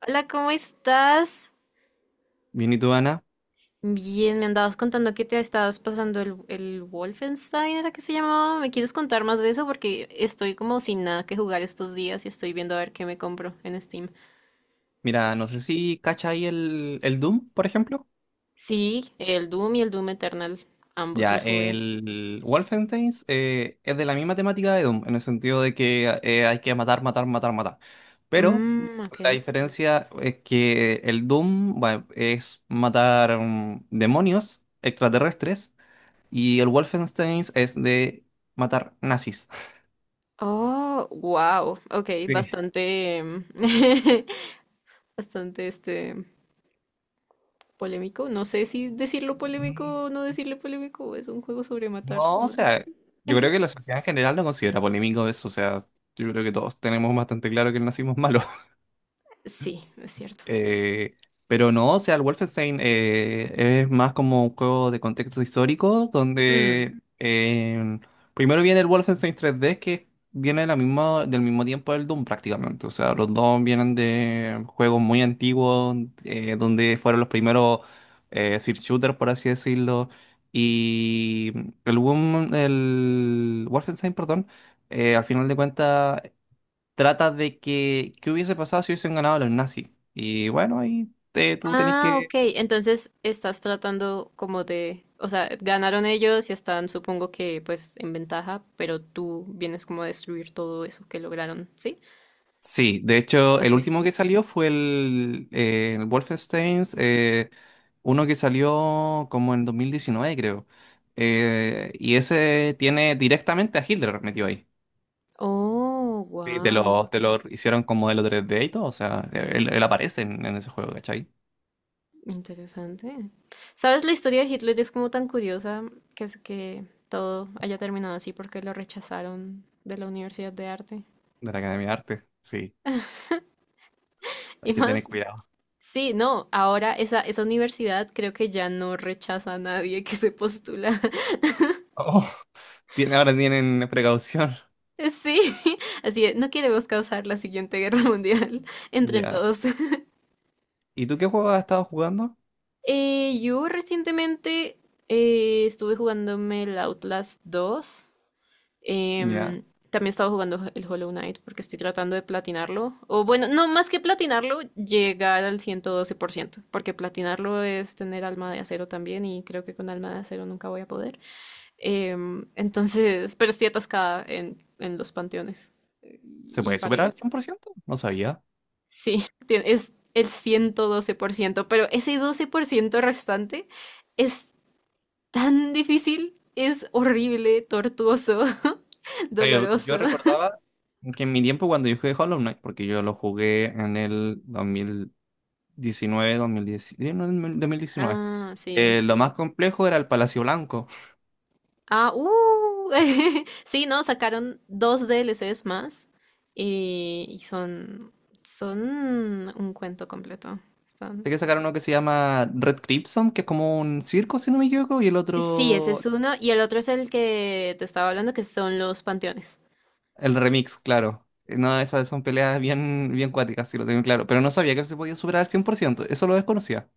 Hola, ¿cómo estás? Bien, ¿y tú, Ana? Bien, me andabas contando que te estabas pasando el Wolfenstein, ¿era que se llamaba? ¿Me quieres contar más de eso? Porque estoy como sin nada que jugar estos días y estoy viendo a ver qué me compro en Steam. Mira, no sé si cacha ahí el Doom, por ejemplo. Sí, el Doom y el Doom Eternal, ambos Ya, los jugué. el Wolfenstein es de la misma temática de Doom, en el sentido de que hay que matar, matar, matar, matar. Pero Mmm, ok. la diferencia es que el Doom, bueno, es matar demonios extraterrestres, y el Wolfenstein es de matar nazis. Oh, wow, ok, bastante, bastante este polémico. No sé si decirlo Sí. polémico o no decirle polémico, es un juego sobre matar. No, o Matar. sea, yo creo que la sociedad en general no considera polémico eso. O sea, yo creo que todos tenemos bastante claro que nacimos malos. Sí, es cierto. Eh, pero no, o sea, el Wolfenstein es más como un juego de contexto histórico, Mm. donde eh, primero viene el Wolfenstein 3D, que viene de del mismo tiempo del Doom prácticamente. O sea, los dos vienen de juegos muy antiguos, donde fueron los primeros first shooter, por así decirlo. Y el Wolfenstein, perdón, al final de cuentas trata de que ¿qué hubiese pasado si hubiesen ganado los nazis? Y bueno, ahí tú tenés Ah, ok. que... Entonces estás tratando como de, o sea, ganaron ellos y están, supongo que, pues, en ventaja, pero tú vienes como a destruir todo eso que lograron, ¿sí? Sí, de hecho, el Ok. último que salió fue el Wolfenstein, uno que salió como en 2019, creo. Y ese tiene directamente a Hitler metido ahí. Oh, Sí, wow. Te lo hicieron como de los d y todo. O sea, él aparece en ese juego, ¿cachai? Interesante. ¿Sabes? La historia de Hitler es como tan curiosa que es que todo haya terminado así porque lo rechazaron de la Universidad de Arte. De la Academia de Arte, sí, Y hay que tener más, cuidado. sí, no, ahora esa universidad creo que ya no rechaza a nadie que se postula. Oh, ahora tienen precaución. Sí, así es, no queremos causar la siguiente guerra mundial. Entren Ya. todos. ¿Y tú qué juego has estado jugando? Yo recientemente estuve jugándome el Outlast 2. Ya. Em, también estaba jugando el Hollow Knight porque estoy tratando de platinarlo. O bueno, no más que platinarlo, llegar al 112%. Porque platinarlo es tener alma de acero también y creo que con alma de acero nunca voy a poder. Entonces, pero estoy atascada en, los panteones. ¿Se Y puede superar paré. al 100%? No sabía. Sí, es el 112%, pero ese 12% restante es tan difícil, es horrible, tortuoso, O sea, yo doloroso. recordaba que en mi tiempo cuando yo jugué Hollow Knight, porque yo lo jugué en el 2019, 2019, no, en el 2019, Ah, sí. Lo más complejo era el Palacio Blanco. Ah. Sí, no, sacaron dos DLCs más, y son, un cuento completo. Están, Sé que sacaron están- uno que se llama Red Crimson, que es como un circo, si no me equivoco, y el Sí, ese es otro, uno y el otro es el que te estaba hablando, que son los panteones. el remix, claro. No, esas son peleas bien, bien cuáticas, si lo tengo claro. Pero no sabía que se podía superar al 100%. Eso lo desconocía.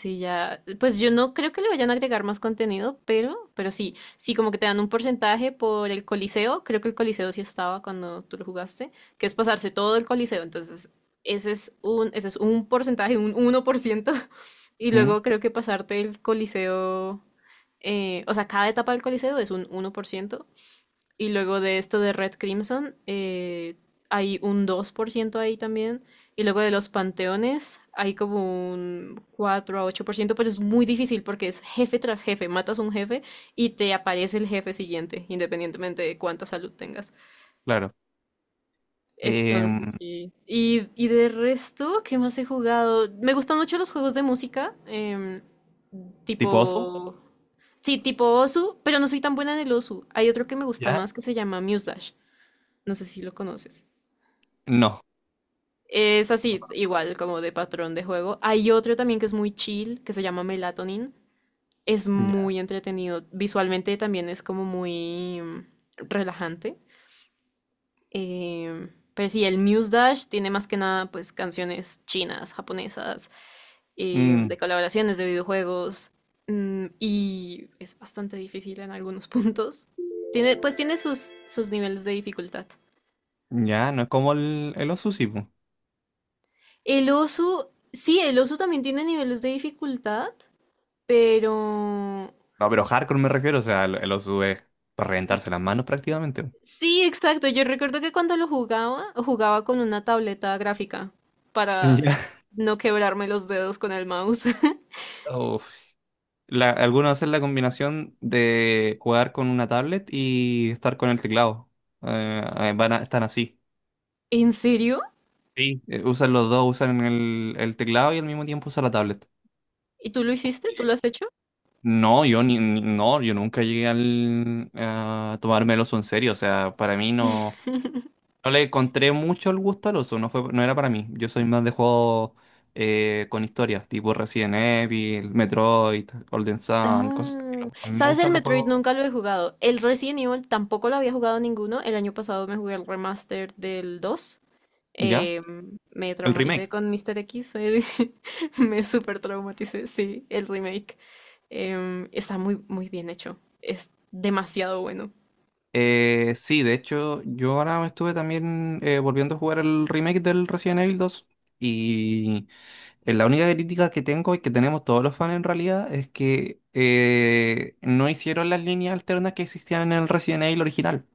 Sí, ya, pues yo no creo que le vayan a agregar más contenido, pero sí, sí, como que te dan un porcentaje por el Coliseo, creo que el Coliseo sí estaba cuando tú lo jugaste, que es pasarse todo el Coliseo, entonces ese es un porcentaje, un 1%. Y Mm. luego creo que pasarte el Coliseo, o sea, cada etapa del Coliseo es un 1%. Y luego de esto de Red Crimson, hay un 2% ahí también. Y luego de los panteones, hay como un 4 a 8%, pero es muy difícil porque es jefe tras jefe. Matas un jefe y te aparece el jefe siguiente, independientemente de cuánta salud tengas. Claro. Entonces, Em. sí. Y de resto, ¿qué más he jugado? Me gustan mucho los juegos de música, ¿Tipo osu? tipo... Sí, tipo Osu, pero no soy tan buena en el Osu. Hay otro que me gusta ¿Ya? más que se llama Muse Dash. No sé si lo conoces. No. Es así, igual como de patrón de juego. Hay otro también que es muy chill, que se llama Melatonin. Es Ya. muy entretenido. Visualmente también es como muy relajante. Eh, pero sí, el Muse Dash tiene más que nada pues canciones chinas, japonesas, de Mm, colaboraciones de videojuegos. Y es bastante difícil en algunos puntos. Tiene, pues tiene sus niveles de dificultad. ya, no es como el osu, sí, po. El oso, sí, el oso también tiene niveles de dificultad, pero... No, pero hardcore me refiero. O sea, el osu es para reventarse las manos prácticamente. Po. Sí, exacto. Yo recuerdo que cuando lo jugaba, jugaba con una tableta gráfica para Ya. no quebrarme los dedos con el mouse. Uf. La, algunos hacen la combinación de jugar con una tablet y estar con el teclado. Eh, van están así. ¿En serio? Sí. Usan los dos, usan el teclado y al mismo tiempo usan la tablet. ¿Y tú lo hiciste? Sí. ¿Tú lo has hecho? No, yo no, yo nunca llegué a tomarme el oso en serio. O sea, para mí no. No le encontré mucho el gusto al uso, no era para mí. Yo soy más de juegos con historias, tipo Resident Evil, Metroid, Golden Sun, cosas así. Ah. A mí me ¿Sabes? El gustan los Metroid juegos. nunca lo he jugado. El Resident Evil tampoco lo había jugado ninguno. El año pasado me jugué el remaster del 2. ¿Ya? Eh, me El traumaticé remake. con Mr. X, me super traumaticé, sí, el remake. Está muy, muy bien hecho, es demasiado bueno. Sí, de hecho, yo ahora me estuve también volviendo a jugar el remake del Resident Evil 2. Y la única crítica que tengo y que tenemos todos los fans en realidad es que no hicieron las líneas alternas que existían en el Resident Evil original.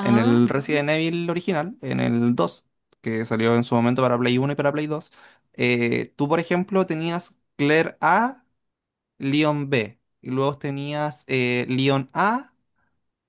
En el Resident Evil original, en el 2 que salió en su momento para Play 1 y para Play Dos, tú, por ejemplo, tenías Claire A, Leon B, y luego tenías Leon A.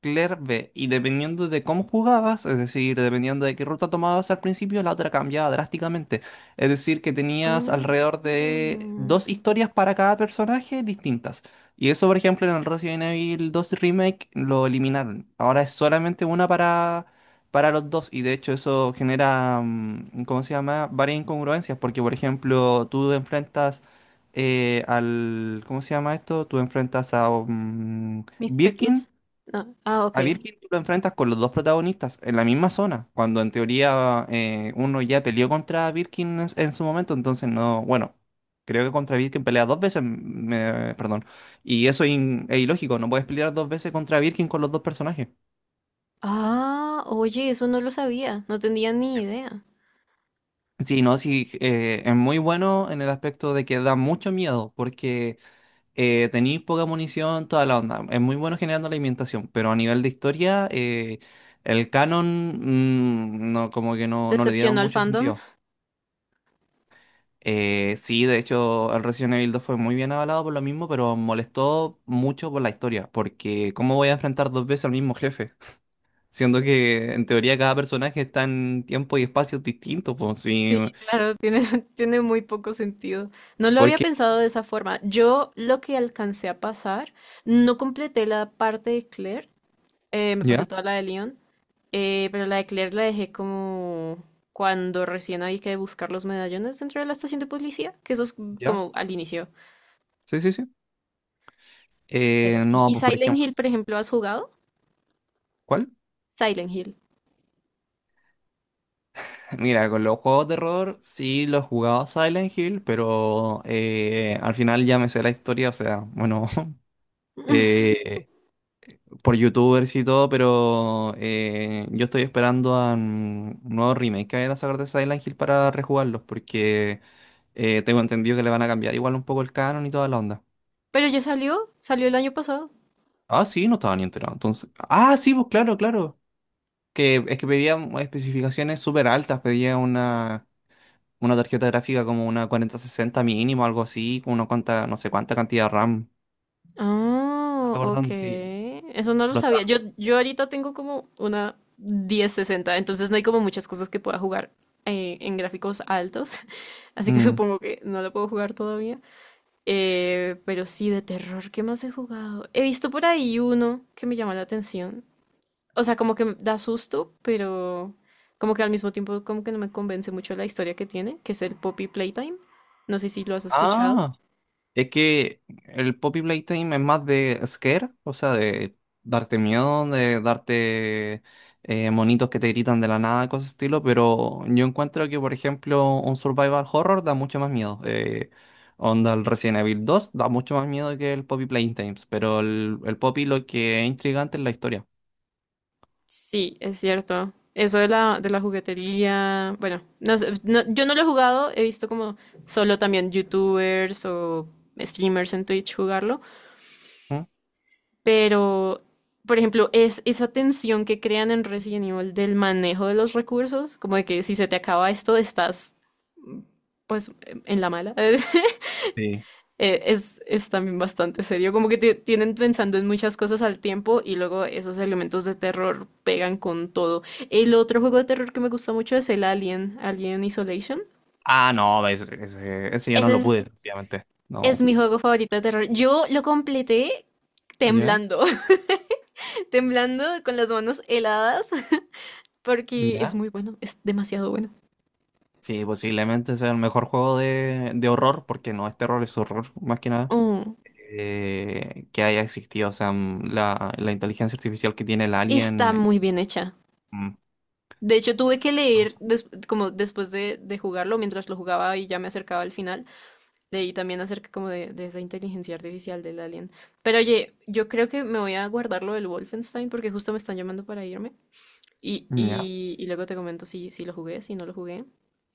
Clear B. Y dependiendo de cómo jugabas, es decir, dependiendo de qué ruta tomabas al principio, la otra cambiaba drásticamente. Es decir, que tenías ah, alrededor de mm, dos historias para cada personaje distintas. Y eso, por ejemplo, en el Resident Evil 2 Remake lo eliminaron. Ahora es solamente una para los dos. Y de hecho eso genera, ¿cómo se llama? Varias incongruencias. Porque, por ejemplo, tú enfrentas ¿Cómo se llama esto? Tú enfrentas a ¿Mr. Birkin. X? No, ah, A ok. Birkin tú lo enfrentas con los dos protagonistas en la misma zona, cuando en teoría uno ya peleó contra Birkin en su momento, entonces no, bueno, creo que contra Birkin pelea dos veces, perdón, y eso es ilógico, no puedes pelear dos veces contra Birkin con los dos personajes. Ah, oye, eso no lo sabía, no tenía ni idea. Sí, no, sí, es muy bueno en el aspecto de que da mucho miedo, porque tenéis poca munición, toda la onda. Es muy bueno generando la alimentación, pero a nivel de historia, el canon, no, como que no, no le dieron ¿Decepcionó al mucho fandom? sentido. Sí, de hecho, el Resident Evil 2 fue muy bien avalado por lo mismo, pero molestó mucho por la historia, porque ¿cómo voy a enfrentar dos veces al mismo jefe? Siendo que en teoría cada personaje está en tiempo y espacios distintos, pues sí, Sí, claro, tiene, tiene muy poco sentido. No lo había porque... pensado de esa forma. Yo lo que alcancé a pasar, no completé la parte de Claire. Me pasé Ya, toda la de Leon, pero la de Claire la dejé como cuando recién había que buscar los medallones dentro de la estación de policía, que eso es ya, como al inicio. sí, sí, sí. Pero sí. No, ¿Y pues por Silent ejemplo, Hill, por ejemplo, has jugado? ¿cuál? Silent Hill. Mira, con los juegos de terror sí los jugaba Silent Hill, pero al final ya me sé la historia. O sea, bueno, eh, por YouTubers y todo, pero yo estoy esperando a un nuevo remake que vayan a sacar de Silent Hill para rejugarlos, porque tengo entendido que le van a cambiar igual un poco el canon y toda la onda. Pero ya salió, salió el año pasado. Ah, sí, no estaba ni enterado, entonces. Ah, sí, pues claro, claro. Que es que pedía especificaciones súper altas, pedía una tarjeta gráfica como una 4060 mínimo, algo así, con una cuanta, no sé cuánta cantidad de RAM. Ah, ok. Acordando, sí. Eso no lo Lo está. sabía. Yo ahorita tengo como una 1060, entonces no hay como muchas cosas que pueda jugar, en gráficos altos, así que Mm. supongo que no lo puedo jugar todavía. Pero sí, de terror, ¿qué más he jugado? He visto por ahí uno que me llama la atención. O sea, como que me da susto, pero como que al mismo tiempo como que no me convence mucho la historia que tiene, que es el Poppy Playtime. No sé si lo has escuchado. Ah, es que el Poppy Playtime es más de scare. O sea, de darte miedo, de darte monitos que te gritan de la nada, cosas de estilo, pero yo encuentro que, por ejemplo, un survival horror da mucho más miedo. Onda, el Resident Evil 2 da mucho más miedo que el Poppy Playtime, pero el Poppy lo que es intrigante es la historia. Sí, es cierto. Eso de la, juguetería, bueno, no sé, yo no lo he jugado, he visto como solo también youtubers o streamers en Twitch jugarlo. ¿Mm? Pero, por ejemplo, es esa tensión que crean en Resident Evil del manejo de los recursos, como de que si se te acaba esto, estás pues en la mala. Sí. Es, también bastante serio, como que te tienen pensando en muchas cosas al tiempo y luego esos elementos de terror pegan con todo. El otro juego de terror que me gusta mucho es el Alien, Alien Isolation. Ah, no, ese yo no Ese lo es, pude, sencillamente. es No. mi juego favorito de terror. Yo lo completé ¿Ya? temblando, temblando con las manos heladas porque es ¿Ya? muy bueno, es demasiado bueno. Sí, posiblemente sea el mejor juego de horror, porque no es terror, es horror, más que nada, Mm, que haya existido. O sea, mm, la inteligencia artificial que tiene el está alien. muy bien hecha. Mm. De hecho, tuve que leer, como después de jugarlo, mientras lo jugaba y ya me acercaba al final, leí también acerca como de esa inteligencia artificial del alien. Pero oye, yo creo que me voy a guardar lo del Wolfenstein porque justo me están llamando para irme. Y, ¿Ya? y, y luego te comento si, lo jugué, si no lo jugué.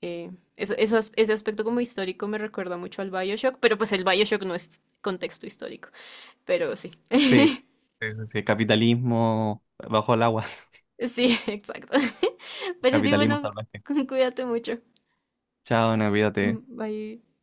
Ese aspecto como histórico me recuerda mucho al Bioshock, pero pues el Bioshock no es contexto histórico, pero sí. Sí. Sí, sí, sí. Capitalismo bajo el agua. Sí, exacto. Pero sí, Capitalismo bueno, salvaje. cuídate mucho. Chao, no, olvídate. Bye.